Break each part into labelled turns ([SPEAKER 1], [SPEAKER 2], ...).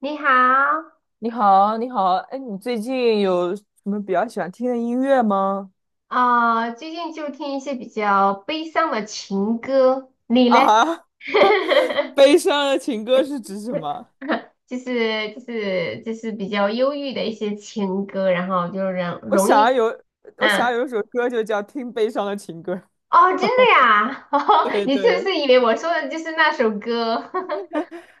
[SPEAKER 1] 你好。
[SPEAKER 2] 你好，你好，哎，你最近有什么比较喜欢听的音乐吗？
[SPEAKER 1] 啊、最近就听一些比较悲伤的情歌，你 嘞？
[SPEAKER 2] 啊，悲伤的情歌是指什么？
[SPEAKER 1] 就是比较忧郁的一些情歌，然后就让
[SPEAKER 2] 我
[SPEAKER 1] 容
[SPEAKER 2] 想要
[SPEAKER 1] 易。
[SPEAKER 2] 有，我想
[SPEAKER 1] 嗯。
[SPEAKER 2] 要有一首歌就叫《听悲伤的情歌》
[SPEAKER 1] 哦，真的呀？哦，
[SPEAKER 2] 对
[SPEAKER 1] 你是不
[SPEAKER 2] 对，
[SPEAKER 1] 是以为我说的就是那首歌？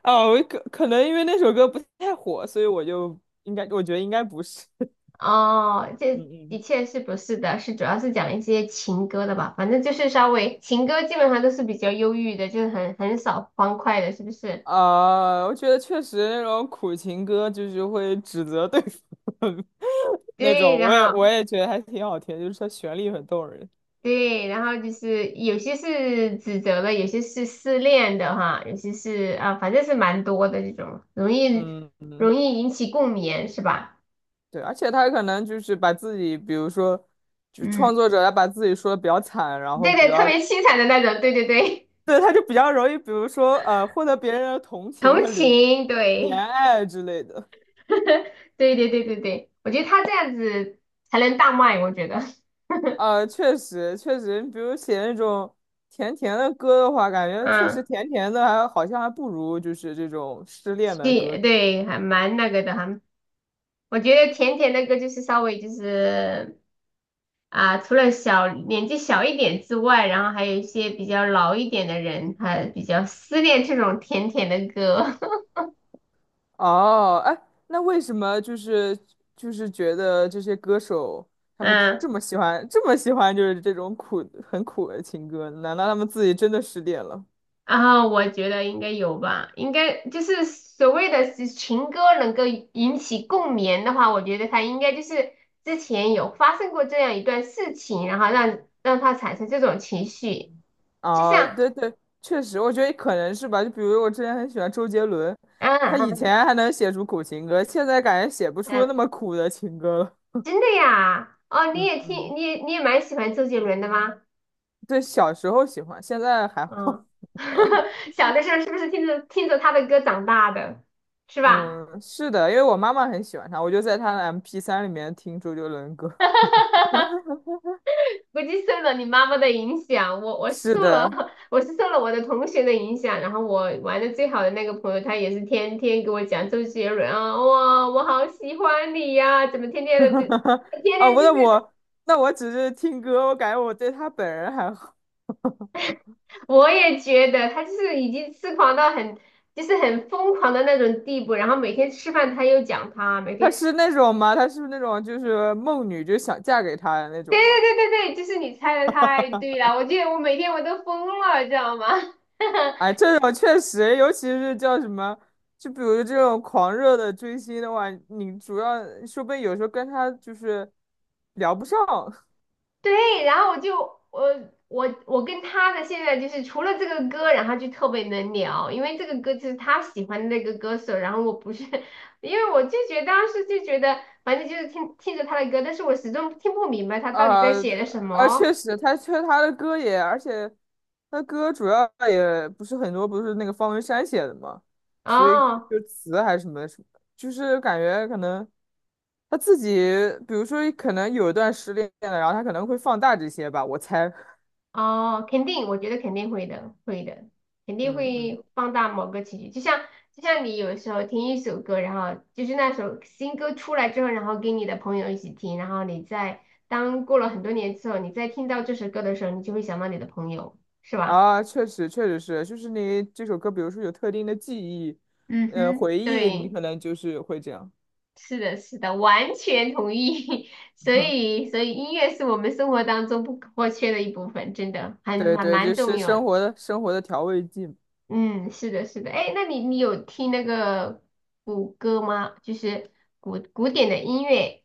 [SPEAKER 2] 啊，我可能因为那首歌不太火，所以我就应该，我觉得应该不是。
[SPEAKER 1] 哦，
[SPEAKER 2] 嗯
[SPEAKER 1] 这的
[SPEAKER 2] 嗯。
[SPEAKER 1] 确是不是的，是主要是讲一些情歌的吧，反正就是稍微情歌基本上都是比较忧郁的，就是很少欢快的，是不是？
[SPEAKER 2] 啊，我觉得确实那种苦情歌就是会指责对方 那
[SPEAKER 1] 对。
[SPEAKER 2] 种，
[SPEAKER 1] 然
[SPEAKER 2] 我也我
[SPEAKER 1] 后。
[SPEAKER 2] 也觉得还挺好听，就是它旋律很动人。
[SPEAKER 1] 对，然后就是有些是指责的，有些是失恋的哈，有些是啊，反正是蛮多的这种，容易
[SPEAKER 2] 嗯。
[SPEAKER 1] 容易引起共鸣，是吧？
[SPEAKER 2] 对，而且他可能就是把自己，比如说，就是创
[SPEAKER 1] 嗯，
[SPEAKER 2] 作者，他把自己说的比较惨，然后
[SPEAKER 1] 对
[SPEAKER 2] 比
[SPEAKER 1] 对，特
[SPEAKER 2] 较，
[SPEAKER 1] 别凄惨的那种，对对对。
[SPEAKER 2] 对，他就比较容易，比如说，获得别人的同 情
[SPEAKER 1] 同
[SPEAKER 2] 和怜
[SPEAKER 1] 情，
[SPEAKER 2] 怜
[SPEAKER 1] 对。
[SPEAKER 2] 爱之类的。
[SPEAKER 1] 对对对对对，我觉得他这样子才能大卖，我觉得。
[SPEAKER 2] 确实，确实，比如写那种甜甜的歌的话，感觉确实
[SPEAKER 1] 嗯，
[SPEAKER 2] 甜甜的还好像还不如就是这种失恋的歌
[SPEAKER 1] 对
[SPEAKER 2] 多。
[SPEAKER 1] 对，还蛮那个的哈，还我觉得甜甜那个就是稍微就是。啊、除了小年纪小一点之外，然后还有一些比较老一点的人，他比较思念这种甜甜的歌。
[SPEAKER 2] 哦，哎，那为什么就是就是觉得这些歌手 他们这
[SPEAKER 1] 嗯，
[SPEAKER 2] 么喜欢这么喜欢就是这种很苦的情歌？难道他们自己真的失恋了？
[SPEAKER 1] 然后我觉得应该有吧，应该就是所谓的是情歌能够引起共鸣的话，我觉得他应该就是之前有发生过这样一段事情，然后让他产生这种情绪，就
[SPEAKER 2] 哦，
[SPEAKER 1] 像。
[SPEAKER 2] 对对，确实，我觉得可能是吧。就比如我之前很喜欢周杰伦，
[SPEAKER 1] 嗯
[SPEAKER 2] 他以
[SPEAKER 1] 嗯
[SPEAKER 2] 前还能写出苦情歌，现在感觉写不出
[SPEAKER 1] 嗯，
[SPEAKER 2] 那么苦的情歌了。
[SPEAKER 1] 真的呀？哦，你
[SPEAKER 2] 嗯
[SPEAKER 1] 也听，
[SPEAKER 2] 嗯，
[SPEAKER 1] 你也蛮喜欢周杰伦的吗？
[SPEAKER 2] 对，小时候喜欢，现在还好。
[SPEAKER 1] 嗯。小的时候是不是听着听着他的歌长大的，是吧？
[SPEAKER 2] 嗯，是的，因为我妈妈很喜欢他，我就在他的 MP3里面听周杰伦歌。
[SPEAKER 1] 估计受了你妈妈的影响，我
[SPEAKER 2] 是
[SPEAKER 1] 受了
[SPEAKER 2] 的，
[SPEAKER 1] 我是受了我的同学的影响，然后我玩的最好的那个朋友，他也是天天给我讲周杰伦啊，哇，我好喜欢你呀、怎么天天的就 天
[SPEAKER 2] 哦，
[SPEAKER 1] 天
[SPEAKER 2] 不，
[SPEAKER 1] 就
[SPEAKER 2] 那
[SPEAKER 1] 是
[SPEAKER 2] 我那我只是听歌，我感觉我对他本人还好。
[SPEAKER 1] 我也觉得他就是已经痴狂到很，就是很疯狂的那种地步。然后每天吃饭他又讲他，每
[SPEAKER 2] 他
[SPEAKER 1] 天
[SPEAKER 2] 是那种吗？他是不是那种就是梦女，就想嫁给他的那
[SPEAKER 1] 对
[SPEAKER 2] 种吗？
[SPEAKER 1] 对对对对，就是你猜的太对了，我记得我每天我都疯了，知道吗？
[SPEAKER 2] 哎，这种确实，尤其是叫什么，就比如这种狂热的追星的话，你主要说不定有时候跟他就是聊不上。
[SPEAKER 1] 对，然后我就我我跟他的现在就是除了这个歌，然后就特别能聊，因为这个歌就是他喜欢的那个歌手，然后我不是。因为我就觉得当时就觉得，反正就是听着他的歌，但是我始终听不明白他到底
[SPEAKER 2] 啊
[SPEAKER 1] 在写的什
[SPEAKER 2] 啊，
[SPEAKER 1] 么
[SPEAKER 2] 确实，他的歌也，而且他歌主要也不是很多，不是那个方文山写的嘛，所以
[SPEAKER 1] 哦。
[SPEAKER 2] 就词还是什么什么，就是感觉可能他自己，比如说可能有一段失恋了，然后他可能会放大这些吧，我猜，
[SPEAKER 1] 哦，肯定，我觉得肯定会的，会的，肯定
[SPEAKER 2] 嗯嗯，
[SPEAKER 1] 会放大某个情绪。就像你有时候听一首歌，然后就是那首新歌出来之后，然后跟你的朋友一起听，然后你在当过了很多年之后，你再听到这首歌的时候，你就会想到你的朋友，是吧？
[SPEAKER 2] 啊，确实确实是，就是你这首歌，比如说有特定的记忆，
[SPEAKER 1] 嗯哼，
[SPEAKER 2] 回忆，你
[SPEAKER 1] 对，
[SPEAKER 2] 可能就是会这样，
[SPEAKER 1] 是的，是的，完全同意。所 以，所以音乐是我们生活当中不可或缺的一部分，真的还
[SPEAKER 2] 对
[SPEAKER 1] 蛮
[SPEAKER 2] 对，
[SPEAKER 1] 蛮
[SPEAKER 2] 就
[SPEAKER 1] 重
[SPEAKER 2] 是
[SPEAKER 1] 要。
[SPEAKER 2] 生活的调味剂。
[SPEAKER 1] 嗯，是的，是的。哎，那你有听那个古歌吗？就是古典的音乐。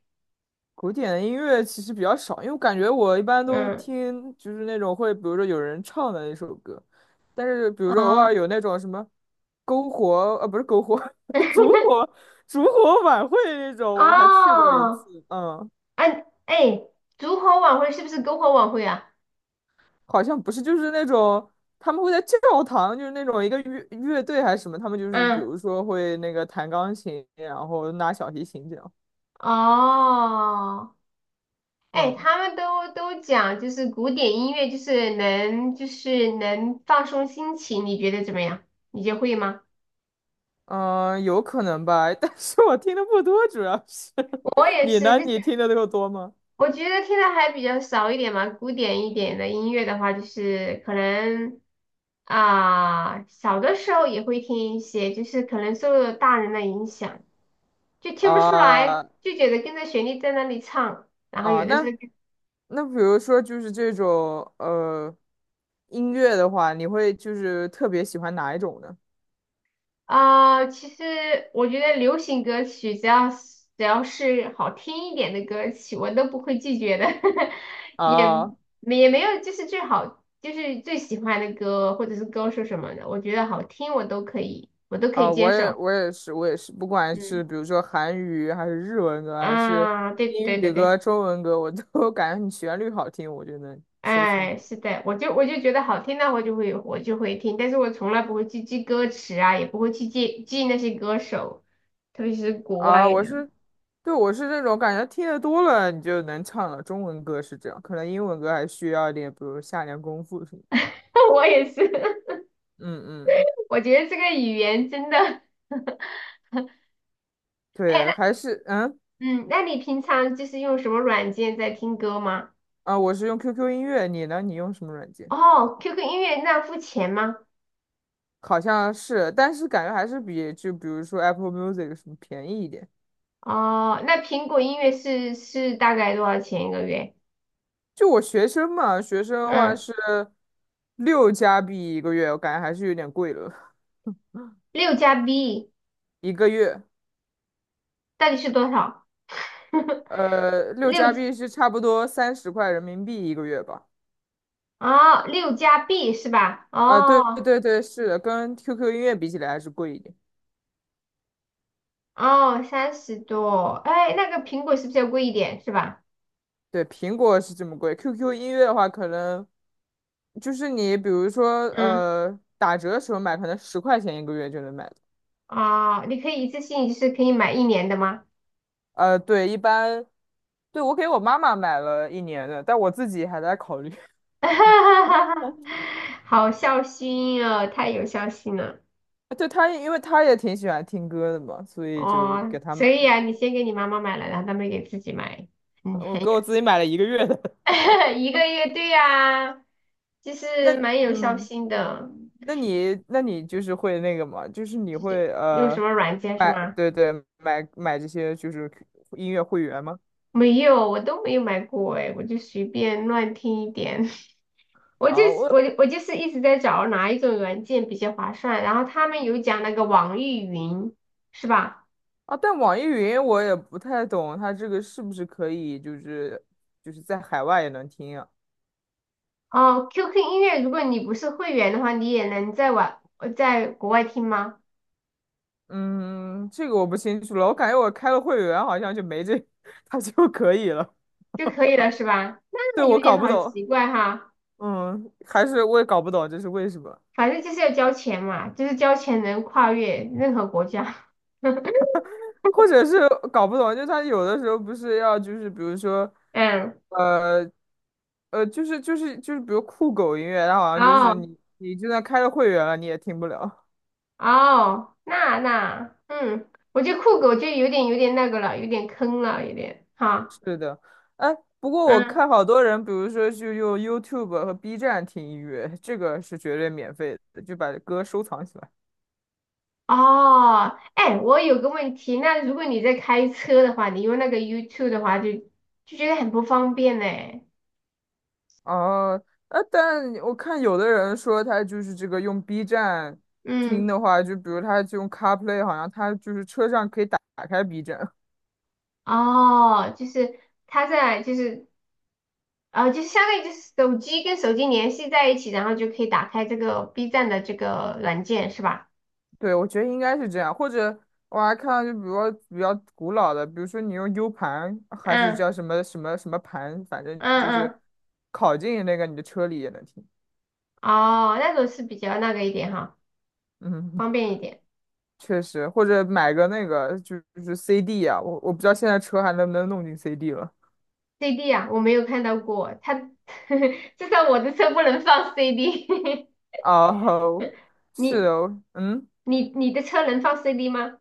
[SPEAKER 2] 古典的音乐其实比较少，因为我感觉我一般都
[SPEAKER 1] 嗯。
[SPEAKER 2] 听就是那种会，比如说有人唱的那首歌，但是比如说偶
[SPEAKER 1] 哦。
[SPEAKER 2] 尔有那种什么篝火，不是篝火，烛 火烛火晚会那种，我还去过一
[SPEAKER 1] 哦。
[SPEAKER 2] 次，嗯，
[SPEAKER 1] 哎哎，烛火晚会是不是篝火晚会啊？
[SPEAKER 2] 好像不是，就是那种他们会在教堂，就是那种一个乐队还是什么，他们就是比
[SPEAKER 1] 嗯。
[SPEAKER 2] 如说会那个弹钢琴，然后拿小提琴这样，
[SPEAKER 1] 哦，哎，
[SPEAKER 2] 嗯
[SPEAKER 1] 他们都讲就是古典音乐，就是能就是能放松心情，你觉得怎么样？你就会吗？
[SPEAKER 2] 嗯，有可能吧，但是我听的不多，主要是
[SPEAKER 1] 我 也
[SPEAKER 2] 你
[SPEAKER 1] 是，
[SPEAKER 2] 呢？你听的够多吗？
[SPEAKER 1] 我觉得听的还比较少一点嘛，古典一点的音乐的话，就是可能啊、小的时候也会听一些，就是可能受了大人的影响，就听不出来，
[SPEAKER 2] 啊
[SPEAKER 1] 就觉得跟着旋律在那里唱，然后
[SPEAKER 2] 啊，
[SPEAKER 1] 有的时
[SPEAKER 2] 那
[SPEAKER 1] 候。
[SPEAKER 2] 那比如说就是这种音乐的话，你会就是特别喜欢哪一种呢？
[SPEAKER 1] 啊、其实我觉得流行歌曲只要是好听一点的歌曲，我都不会拒绝的。也
[SPEAKER 2] 啊
[SPEAKER 1] 也没有就是最好就是最喜欢的歌或者是歌手什么的，我觉得好听我都可以，我都可以
[SPEAKER 2] 啊，
[SPEAKER 1] 接
[SPEAKER 2] 我也
[SPEAKER 1] 受。
[SPEAKER 2] 我也是我也是，不管
[SPEAKER 1] 嗯
[SPEAKER 2] 是比如说韩语还是日文歌，还是
[SPEAKER 1] 啊，对
[SPEAKER 2] 英
[SPEAKER 1] 对对
[SPEAKER 2] 语
[SPEAKER 1] 对。
[SPEAKER 2] 歌、中文歌，我都 感觉你旋律好听，我就能收藏。
[SPEAKER 1] 哎，是的，我就我就觉得好听的我就会我就会听，但是我从来不会去记歌词啊，也不会去记那些歌手，特别是国外
[SPEAKER 2] 啊，我
[SPEAKER 1] 的。
[SPEAKER 2] 是，对，我是那种感觉听得多了你就能唱了。中文歌是这样，可能英文歌还需要一点，比如下点功夫什么。
[SPEAKER 1] 我也是。
[SPEAKER 2] 嗯嗯，
[SPEAKER 1] 我觉得这个语言真的。哎，
[SPEAKER 2] 对，
[SPEAKER 1] 那
[SPEAKER 2] 还是
[SPEAKER 1] 嗯，那你平常就是用什么软件在听歌吗？
[SPEAKER 2] 啊，我是用 QQ 音乐，你呢？你用什么软件？
[SPEAKER 1] 哦，QQ 音乐那付钱吗？
[SPEAKER 2] 好像是，但是感觉还是比如说 Apple Music 什么便宜一点。
[SPEAKER 1] 哦，那苹果音乐是是大概多少钱一个月？
[SPEAKER 2] 就我学生嘛，学生的话
[SPEAKER 1] 嗯，
[SPEAKER 2] 是六加币一个月，我感觉还是有点贵了，
[SPEAKER 1] 六加 B
[SPEAKER 2] 一个月。
[SPEAKER 1] 到底是多少？
[SPEAKER 2] 六
[SPEAKER 1] 六
[SPEAKER 2] 加币是差不多30块人民币一个月吧。
[SPEAKER 1] 哦，六加币是吧？
[SPEAKER 2] 啊，对对
[SPEAKER 1] 哦
[SPEAKER 2] 对对是的，跟 QQ 音乐比起来还是贵一点。
[SPEAKER 1] 哦，三十多。哎，那个苹果是不是要贵一点是吧？
[SPEAKER 2] 对，苹果是这么贵，QQ 音乐的话，可能就是你比如说
[SPEAKER 1] 嗯。
[SPEAKER 2] 打折的时候买，可能10块钱一个月就能买到。
[SPEAKER 1] 哦，你可以一次性就是可以买一年的吗？
[SPEAKER 2] 对，一般，对，我给我妈妈买了1年的，但我自己还在考虑。
[SPEAKER 1] 好孝心哦，太有孝心了
[SPEAKER 2] 对她，因为她也挺喜欢听歌的嘛，所以就给
[SPEAKER 1] 哦。
[SPEAKER 2] 她
[SPEAKER 1] 所
[SPEAKER 2] 买
[SPEAKER 1] 以
[SPEAKER 2] 了。
[SPEAKER 1] 啊，你先给你妈妈买了，然后她没给自己买。嗯，
[SPEAKER 2] 我
[SPEAKER 1] 很
[SPEAKER 2] 给
[SPEAKER 1] 有
[SPEAKER 2] 我自己买了一个月的。
[SPEAKER 1] 一个月，对呀、就
[SPEAKER 2] 那
[SPEAKER 1] 是蛮有孝
[SPEAKER 2] 嗯。
[SPEAKER 1] 心的。
[SPEAKER 2] 那你那你就是会那个嘛，就是你
[SPEAKER 1] 就是
[SPEAKER 2] 会
[SPEAKER 1] 用什么软件是
[SPEAKER 2] 买
[SPEAKER 1] 吗？
[SPEAKER 2] 对对买这些就是音乐会员吗？
[SPEAKER 1] 没有，我都没有买过哎，我就随便乱听一点。我就
[SPEAKER 2] 啊，
[SPEAKER 1] 是
[SPEAKER 2] 我
[SPEAKER 1] 我我就是一直在找哪一种软件比较划算，然后他们有讲那个网易云，是吧？
[SPEAKER 2] 啊，但网易云我也不太懂，它这个是不是可以就是在海外也能听啊？
[SPEAKER 1] 哦，QQ 音乐，如果你不是会员的话，你也能在外在国外听吗？
[SPEAKER 2] 嗯，这个我不清楚了，我感觉我开了会员好像就没这，它就可以了。
[SPEAKER 1] 就可以了是吧？
[SPEAKER 2] 对，
[SPEAKER 1] 那有
[SPEAKER 2] 我搞
[SPEAKER 1] 点
[SPEAKER 2] 不
[SPEAKER 1] 好
[SPEAKER 2] 懂，
[SPEAKER 1] 奇怪哈。
[SPEAKER 2] 嗯，还是我也搞不懂这是为什么。
[SPEAKER 1] 反正就是要交钱嘛，就是交钱能跨越任何国家。
[SPEAKER 2] 或者是搞不懂，就他有的时候不是要就是比如说，
[SPEAKER 1] 嗯。
[SPEAKER 2] 呃，就是比如酷狗音乐，它好像就是
[SPEAKER 1] 哦
[SPEAKER 2] 你就算开了会员了，你也听不了。
[SPEAKER 1] 哦，那那嗯，我觉得酷狗就有点那个了，有点坑了，有点 哈。
[SPEAKER 2] 是的，哎，不过我
[SPEAKER 1] 嗯。
[SPEAKER 2] 看好多人，比如说就用 YouTube 和 B 站听音乐，这个是绝对免费的，就把歌收藏起来。
[SPEAKER 1] 哦，哎，我有个问题，那如果你在开车的话，你用那个 YouTube 的话就，就觉得很不方便呢。
[SPEAKER 2] 哦，但我看有的人说他就是这个用 B 站
[SPEAKER 1] 嗯。
[SPEAKER 2] 听的话，就比如他就用 CarPlay，好像他就是车上可以打开 B 站。
[SPEAKER 1] 哦，就是它在，就是就是相当于就是手机跟手机联系在一起，然后就可以打开这个 B 站的这个软件，是吧？
[SPEAKER 2] 对，我觉得应该是这样，或者我还看到就比如说比较古老的，比如说你用 U 盘还是
[SPEAKER 1] 嗯
[SPEAKER 2] 叫什么什么什么盘，反正
[SPEAKER 1] 嗯
[SPEAKER 2] 就是
[SPEAKER 1] 嗯。
[SPEAKER 2] 拷进那个你的车里也能听。
[SPEAKER 1] 哦，那种是比较那个一点哈，
[SPEAKER 2] 嗯，
[SPEAKER 1] 方便一点。
[SPEAKER 2] 确实，或者买个那个就是 CD 啊，我不知道现在车还能不能弄进 CD 了。
[SPEAKER 1] CD 啊，我没有看到过，它 至少我的车不能放 CD。
[SPEAKER 2] 哦，是
[SPEAKER 1] 你
[SPEAKER 2] 哦，嗯，
[SPEAKER 1] 你的车能放 CD 吗？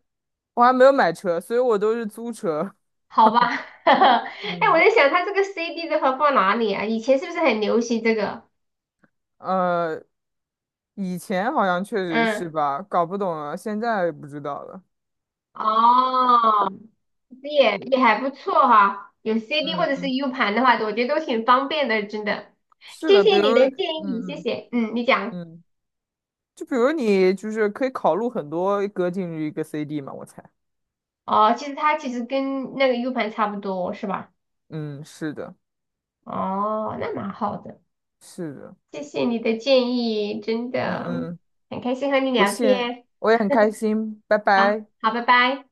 [SPEAKER 2] 我还没有买车，所以我都是租车。
[SPEAKER 1] 好吧。哎，我
[SPEAKER 2] 嗯，
[SPEAKER 1] 在想它这个 CD 的话放哪里啊？以前是不是很流行这个？
[SPEAKER 2] 呃，以前好像确实是
[SPEAKER 1] 嗯。
[SPEAKER 2] 吧，搞不懂了，现在不知道了。
[SPEAKER 1] 哦，这也还不错哈，有 CD 或
[SPEAKER 2] 嗯
[SPEAKER 1] 者是
[SPEAKER 2] 嗯
[SPEAKER 1] U 盘的话，我觉得都挺方便的，真的。
[SPEAKER 2] 是
[SPEAKER 1] 谢
[SPEAKER 2] 的，比
[SPEAKER 1] 谢
[SPEAKER 2] 如，
[SPEAKER 1] 你的建议，
[SPEAKER 2] 嗯
[SPEAKER 1] 谢
[SPEAKER 2] 嗯
[SPEAKER 1] 谢。嗯，你讲。
[SPEAKER 2] 嗯，就比如你就是可以考录很多歌进入一个 CD 嘛，我猜。
[SPEAKER 1] 哦，其实它其实跟那个 U 盘差不多，是吧？
[SPEAKER 2] 嗯，是的，
[SPEAKER 1] 哦，那蛮好的，
[SPEAKER 2] 是的，
[SPEAKER 1] 谢谢你的建议，真的
[SPEAKER 2] 嗯嗯，
[SPEAKER 1] 很开心和你
[SPEAKER 2] 不
[SPEAKER 1] 聊
[SPEAKER 2] 信，
[SPEAKER 1] 天。
[SPEAKER 2] 我也很开心，拜
[SPEAKER 1] 好，
[SPEAKER 2] 拜。
[SPEAKER 1] 好，拜拜。